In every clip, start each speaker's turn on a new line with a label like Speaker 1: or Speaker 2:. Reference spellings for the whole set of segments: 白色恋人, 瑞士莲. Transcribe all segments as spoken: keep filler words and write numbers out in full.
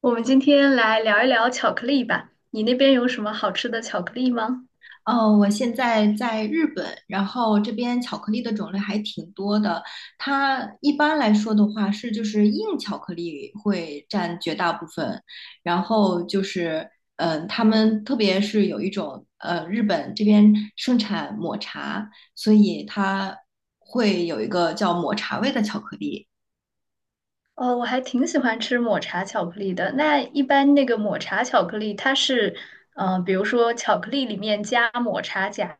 Speaker 1: 我们今天来聊一聊巧克力吧。你那边有什么好吃的巧克力吗？
Speaker 2: 哦，我现在在日本，然后这边巧克力的种类还挺多的。它一般来说的话是就是硬巧克力会占绝大部分，然后就是嗯、呃，他们特别是有一种呃，日本这边盛产抹茶，所以它会有一个叫抹茶味的巧克力。
Speaker 1: 哦，我还挺喜欢吃抹茶巧克力的。那一般那个抹茶巧克力，它是，嗯，呃比如说巧克力里面加抹茶夹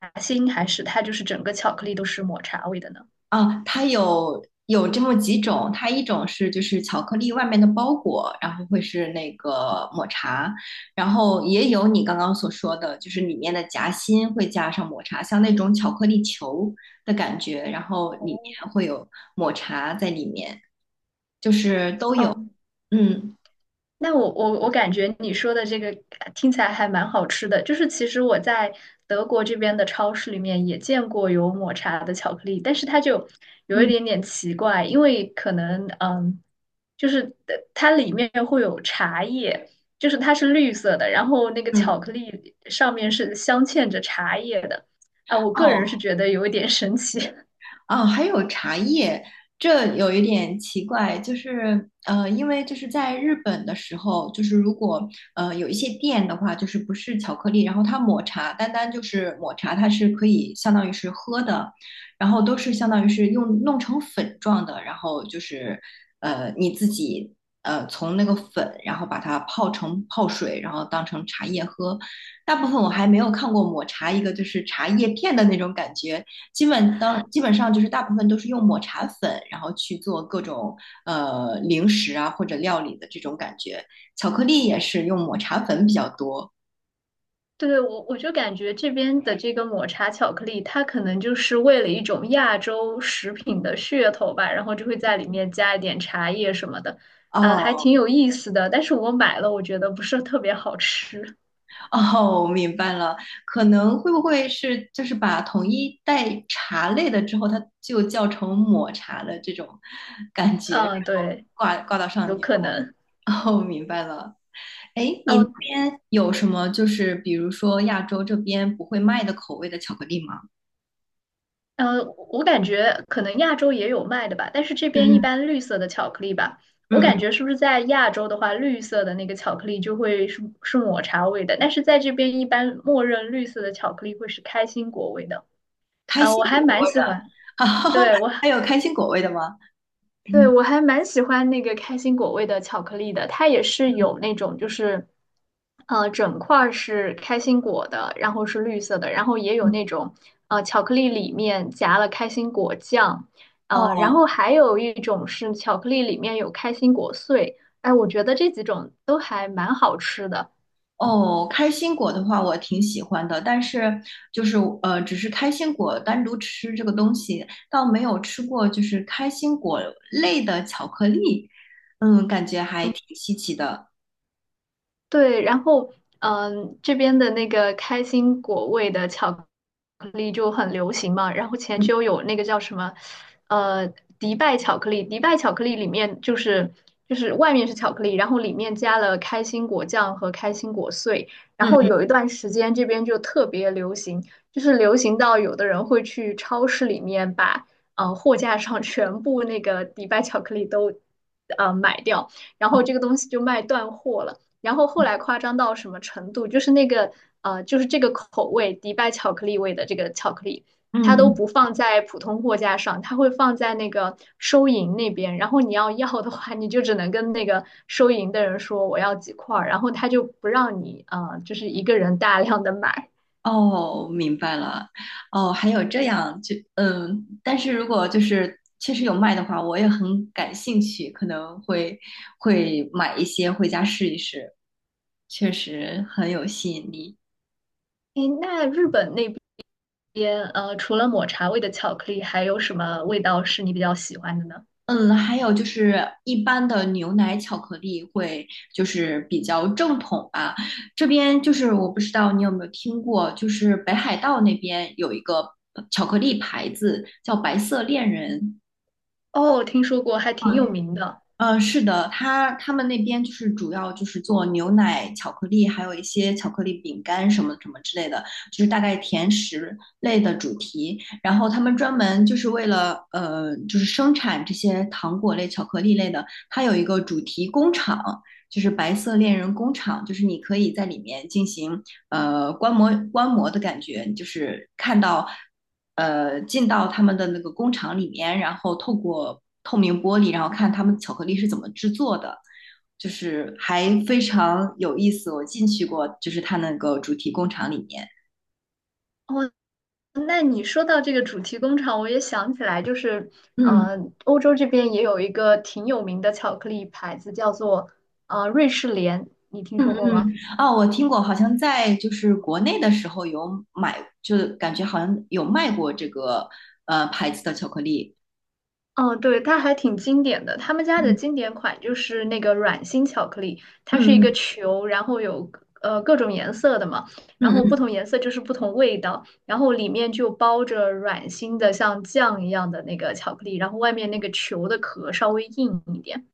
Speaker 1: 夹心，还是它就是整个巧克力都是抹茶味的呢？
Speaker 2: 啊，它有有这么几种，它一种是就是巧克力外面的包裹，然后会是那个抹茶，然后也有你刚刚所说的，就是里面的夹心会加上抹茶，像那种巧克力球的感觉，然后里
Speaker 1: 哦，
Speaker 2: 面会有抹茶在里面。
Speaker 1: 嗯，
Speaker 2: 嗯
Speaker 1: 那我我我感觉你说的这个呃听起来还蛮好吃的，就是其实我在德国这边的超市里面也见过有抹茶的巧克力，但是它就有一
Speaker 2: 嗯
Speaker 1: 点点奇怪，因为可能嗯，就是呃它里面会有茶叶，就是它是绿色的，然后那个
Speaker 2: 嗯，
Speaker 1: 巧克力上面是镶嵌着茶叶的，啊，我个
Speaker 2: 哦，
Speaker 1: 人是觉得有一点神奇。
Speaker 2: 啊，还有茶叶，这有一点奇怪，就是呃，因为就是在日本的时候，就是如果呃有一些店的话，就是不是巧克力，然后它抹茶，单单就是抹茶，它是可以相当于是喝的，然后都是相当于是用弄成粉状的，然后就是呃你自己呃从那个粉，然后把它泡成泡水，然后当成茶叶喝。大部分我还没有看过抹茶一个就是茶叶片的那种感觉。基本当基本上就是大部分都是用抹茶粉，然后去做各种呃零食啊或者料理的这种感觉。巧克力也是用抹茶粉比较多。
Speaker 1: 对，我我就感觉这边的这个抹茶巧克力，它可能就是为了一种亚洲食品的噱头吧，然后就会在里面加一点茶叶什么的，呃，还
Speaker 2: 哦
Speaker 1: 挺有意思的。但是我买了，我觉得不是特别好吃。
Speaker 2: 哦，我明白了，可能会不会是就是把统一带茶类的之后，它就叫成抹茶的这种感 觉，然
Speaker 1: 嗯、
Speaker 2: 后
Speaker 1: 对，
Speaker 2: 挂挂到上
Speaker 1: 有
Speaker 2: 面。
Speaker 1: 可能。
Speaker 2: 哦，明白了。哎，你那
Speaker 1: 哦
Speaker 2: 边有什么就是比如说亚洲这边不会卖的口味的巧克力吗？
Speaker 1: 呃，我感觉可能亚洲也有卖的吧，但是这边一
Speaker 2: 嗯
Speaker 1: 般绿色的巧克力吧，我
Speaker 2: 嗯嗯
Speaker 1: 感
Speaker 2: 嗯。
Speaker 1: 觉是不是在亚洲的话，绿色的那个巧克力就会是是抹茶味的，但是在这边一般默认绿色的巧克力会是开心果味的，
Speaker 2: 开
Speaker 1: 啊、
Speaker 2: 心
Speaker 1: 我还
Speaker 2: 果
Speaker 1: 蛮
Speaker 2: 味
Speaker 1: 喜
Speaker 2: 的，
Speaker 1: 欢，
Speaker 2: 啊，
Speaker 1: 对，我
Speaker 2: 还有开心果味的吗？
Speaker 1: 对，
Speaker 2: 嗯
Speaker 1: 我还蛮喜欢那个开心果味的巧克力的，它也是有那种就是，呃，整块儿是开心果的，然后是绿色的，然后也有
Speaker 2: 嗯，
Speaker 1: 那种呃巧克力里面夹了开心果酱，呃，然
Speaker 2: 哦
Speaker 1: 后还有一种是巧克力里面有开心果碎，哎，我觉得这几种都还蛮好吃的。
Speaker 2: 哦，开心果的话我挺喜欢的，但是就是呃，只是开心果单独吃这个东西，倒没有吃过就是开心果类的巧克力，嗯，感觉还挺稀奇的。
Speaker 1: 对，然后嗯，这边的那个开心果味的巧克力就很流行嘛。然后前
Speaker 2: 嗯
Speaker 1: 就有那个叫什么，呃，迪拜巧克力，迪拜巧克力里面就是就是外面是巧克力，然后里面加了开心果酱和开心果碎。然
Speaker 2: 嗯
Speaker 1: 后
Speaker 2: 嗯，
Speaker 1: 有一段时间这边就特别流行，就是流行到有的人会去超市里面把呃货架上全部那个迪拜巧克力都呃买掉，然后
Speaker 2: 哦，
Speaker 1: 这个东西就卖断货了。然后后来夸张到什么程度，就是那个呃，就是这个口味迪拜巧克力味的这个巧克力，
Speaker 2: 嗯
Speaker 1: 它都
Speaker 2: 嗯。
Speaker 1: 不放在普通货架上，它会放在那个收银那边。然后你要要的话，你就只能跟那个收银的人说我要几块儿，然后他就不让你呃，就是一个人大量的买。
Speaker 2: 哦，明白了。哦，还有这样，就嗯，但是如果就是确实有卖的话，我也很感兴趣，可能会会买一些回家试一试，确实很有吸引力。
Speaker 1: 诶，那日本那边呃，除了抹茶味的巧克力，还有什么味道是你比较喜欢的呢？
Speaker 2: 嗯，还有就是一般的牛奶巧克力会就是比较正统吧，这边就是我不知道你有没有听过，就是北海道那边有一个巧克力牌子叫白色恋人。
Speaker 1: 哦，听说过，还挺有名的。
Speaker 2: 呃，是的，他他们那边就是主要就是做牛奶、巧克力，还有一些巧克力饼干什么什么之类的，就是大概甜食类的主题。然后他们专门就是为了呃，就是生产这些糖果类、巧克力类的，它有一个主题工厂，就是白色恋人工厂，就是你可以在里面进行呃观摩观摩的感觉，就是看到。呃进到他们的那个工厂里面，然后透过透明玻璃，然后看他们巧克力是怎么制作的，就是还非常有意思。我进去过，就是他那个主题工厂里面，
Speaker 1: 哦，那你说到这个主题工厂，我也想起来，就是，
Speaker 2: 嗯。
Speaker 1: 呃，欧洲这边也有一个挺有名的巧克力牌子，叫做呃瑞士莲，你听说
Speaker 2: 嗯
Speaker 1: 过吗？
Speaker 2: 嗯，哦，我听过，好像在就是国内的时候有买，就感觉好像有卖过这个呃牌子的巧克力。
Speaker 1: 嗯，对，它还挺经典的。他们家的
Speaker 2: 嗯
Speaker 1: 经典款就是那个软心巧克力，它是一个
Speaker 2: 嗯
Speaker 1: 球，然后有呃各种颜色的嘛，
Speaker 2: 嗯
Speaker 1: 然
Speaker 2: 嗯
Speaker 1: 后不
Speaker 2: 嗯，
Speaker 1: 同颜色就是不同味道，然后里面就包着软心的像酱一样的那个巧克力，然后外面那个球的壳稍微硬一点。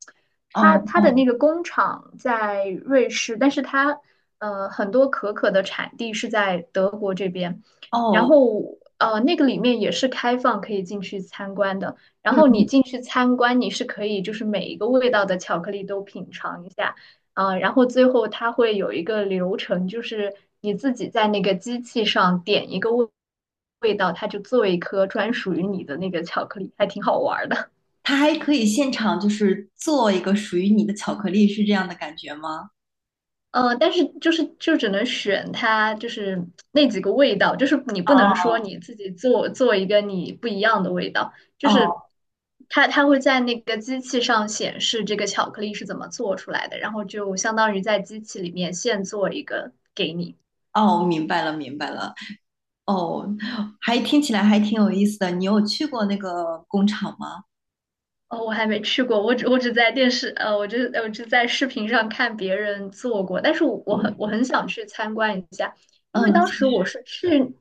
Speaker 1: 它它的那
Speaker 2: 哦
Speaker 1: 个工厂在瑞士，但是它呃很多可可的产地是在德国这边，
Speaker 2: 哦
Speaker 1: 然
Speaker 2: 哦，
Speaker 1: 后呃那个里面也是开放可以进去参观的。然后你
Speaker 2: 嗯，
Speaker 1: 进去参观，你是可以就是每一个味道的巧克力都品尝一下，啊、然后最后它会有一个流程，就是你自己在那个机器上点一个味味道，它就做一颗专属于你的那个巧克力，还挺好玩儿的。
Speaker 2: 它还可以现场就是做一个属于你的巧克力，是这样的感觉吗？
Speaker 1: 呃，但是就是就只能选它，就是那几个味道，就是你不能
Speaker 2: 哦
Speaker 1: 说你自己做做一个你不一样的味道，就是
Speaker 2: 哦
Speaker 1: 它它会在那个机器上显示这个巧克力是怎么做出来的，然后就相当于在机器里面现做一个给你。
Speaker 2: 哦，明白了明白了，哦，还听起来还挺有意思的。你有去过那个工厂吗？
Speaker 1: 哦，我还没去过，我只我只在电视，呃，我只我只在视频上看别人做过，但是我我很我很想去参观一下，因为
Speaker 2: 嗯，
Speaker 1: 当时我是去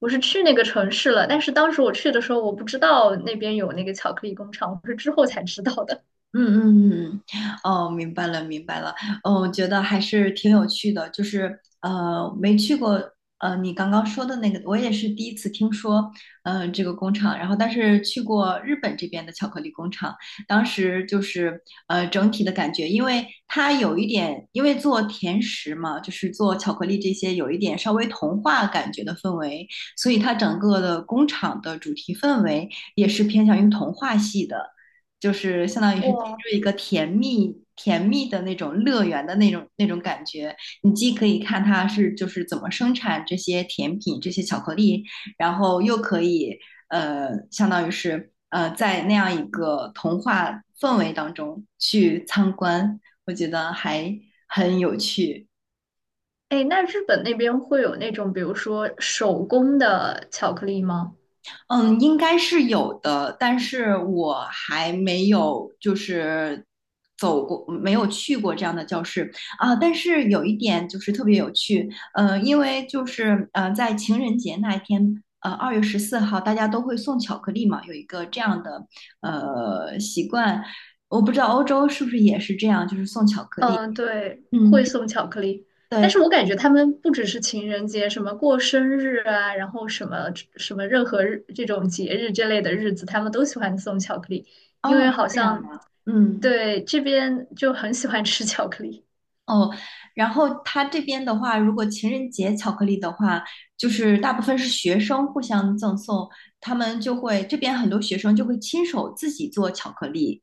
Speaker 1: 我是去那个城市了，但是当时我去的时候我不知道那边有那个巧克力工厂，我是之后才知道的。
Speaker 2: 嗯嗯嗯，嗯哦，明白了明白了，哦，我觉得还是挺有趣的，就是呃，没去过，呃，你刚刚说的那个，我也是第一次听说，呃，这个工厂，然后但是去过日本这边的巧克力工厂，当时就是呃，整体的感觉，因为它有一点，因为做甜食嘛，就是做巧克力这些，有一点稍微童话感觉的氛围，所以它整个的工厂的主题氛围也是偏向于童话系的。就是相当于 是进
Speaker 1: 哇，
Speaker 2: 入一个甜蜜甜蜜的那种乐园的那种那种感觉。你既可以看它是就是怎么生产这些甜品、这些巧克力，然后又可以呃，相当于是呃，在那样一个童话氛围当中去参观，我觉得还很有趣。
Speaker 1: 哎，那日本那边会有那种比如说手工的巧克力吗？
Speaker 2: 嗯，应该是有的，但是我还没有就是走过，没有去过这样的教室啊。但是有一点就是特别有趣，呃，因为就是呃，在情人节那一天，呃，二月十四号，大家都会送巧克力嘛，有一个这样的呃习惯，我不知道欧洲是不是也是这样，就是送巧克力。
Speaker 1: 嗯，对，
Speaker 2: 嗯，
Speaker 1: 会送巧克力，但是
Speaker 2: 对，
Speaker 1: 我感觉他们不只是情人节，什么过生日啊，然后什么什么任何日这种节日这类的日子，他们都喜欢送巧克力，因
Speaker 2: 哦，
Speaker 1: 为
Speaker 2: 是
Speaker 1: 好
Speaker 2: 这样
Speaker 1: 像
Speaker 2: 吗？嗯。
Speaker 1: 对，这边就很喜欢吃巧克力。
Speaker 2: 哦，然后他这边的话，如果情人节巧克力的话，就是大部分是学生互相赠送，他们就会，这边很多学生就会亲手自己做巧克力。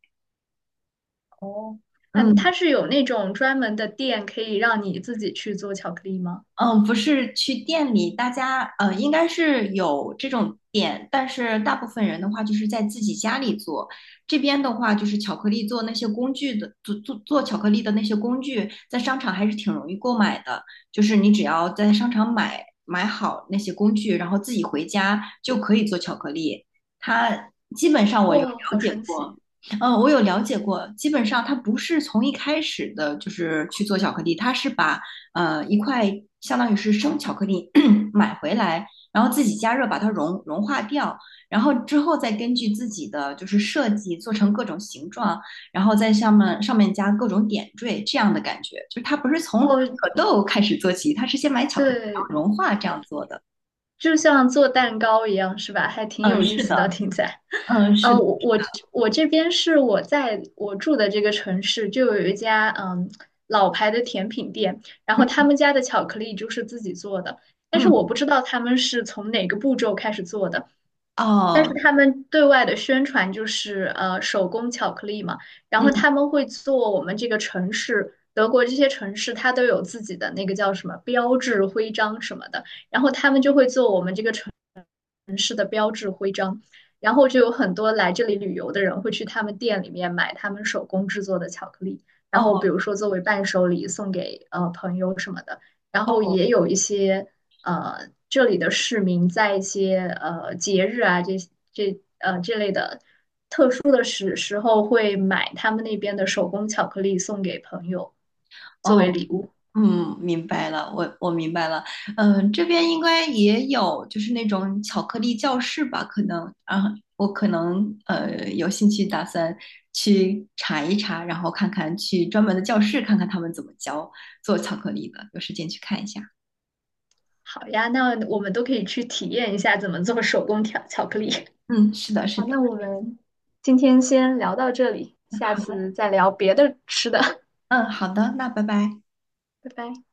Speaker 1: 哦，嗯，它
Speaker 2: 嗯，
Speaker 1: 是有那种专门的店可以让你自己去做巧克力吗？
Speaker 2: 嗯，不是去店里，大家呃应该是有这种店，但是大部分人的话就是在自己家里做。这边的话就是巧克力做那些工具的，做做做巧克力的那些工具，在商场还是挺容易购买的。就是你只要在商场买买好那些工具，然后自己回家就可以做巧克力。它基本上我有
Speaker 1: 哇，好
Speaker 2: 了解
Speaker 1: 神
Speaker 2: 过。
Speaker 1: 奇！
Speaker 2: 嗯，我有了解过，基本上它不是从一开始的，就是去做巧克力，它是把呃一块相当于是生巧克力 买回来，然后自己加热把它融融化掉，然后之后再根据自己的就是设计做成各种形状，然后在上面上面加各种点缀这样的感觉，就是它不是从
Speaker 1: 哦，
Speaker 2: 可豆开始做起，它是先买巧克力
Speaker 1: 对，
Speaker 2: 然后融化这样做的。
Speaker 1: 就像做蛋糕一样，是吧？还挺
Speaker 2: 嗯，
Speaker 1: 有意
Speaker 2: 是
Speaker 1: 思的，
Speaker 2: 的，
Speaker 1: 听起来。
Speaker 2: 嗯，是
Speaker 1: 呃，
Speaker 2: 的，
Speaker 1: 我我我这边是我在我住的这个城市，就有一家嗯老牌的甜品店，然后
Speaker 2: 嗯
Speaker 1: 他们家的巧克力就是自己做的，但是我
Speaker 2: 嗯，
Speaker 1: 不知道他们是从哪个步骤开始做的，但是
Speaker 2: 哦，
Speaker 1: 他们对外的宣传就是呃手工巧克力嘛，然后他
Speaker 2: 嗯
Speaker 1: 们会做我们这个城市。德国这些城市，它都有自己的那个叫什么标志、徽章什么的，然后他们就会做我们这个城。城市的标志徽章，然后就有很多来这里旅游的人会去他们店里面买他们手工制作的巧克力，然后比
Speaker 2: 哦
Speaker 1: 如说作为伴手礼送给呃朋友什么的，然后
Speaker 2: 哦。
Speaker 1: 也有一些呃这里的市民在一些呃节日啊这这呃这类的特殊的时时候会买他们那边的手工巧克力送给朋友作
Speaker 2: 哦。
Speaker 1: 为礼物。
Speaker 2: 嗯，明白了，我我明白了。嗯，这边应该也有，就是那种巧克力教室吧，可能啊，我可能呃有兴趣，打算去查一查，然后看看去专门的教室看看他们怎么教做巧克力的，有时间去看一下。
Speaker 1: 好呀，那我们都可以去体验一下怎么做手工巧巧克力。
Speaker 2: 嗯，是的，是
Speaker 1: 好，
Speaker 2: 的。
Speaker 1: 那我们今天先聊到这里，
Speaker 2: 那
Speaker 1: 下
Speaker 2: 好的，
Speaker 1: 次再聊别的吃的，
Speaker 2: 嗯，好的，那拜拜。
Speaker 1: 拜拜。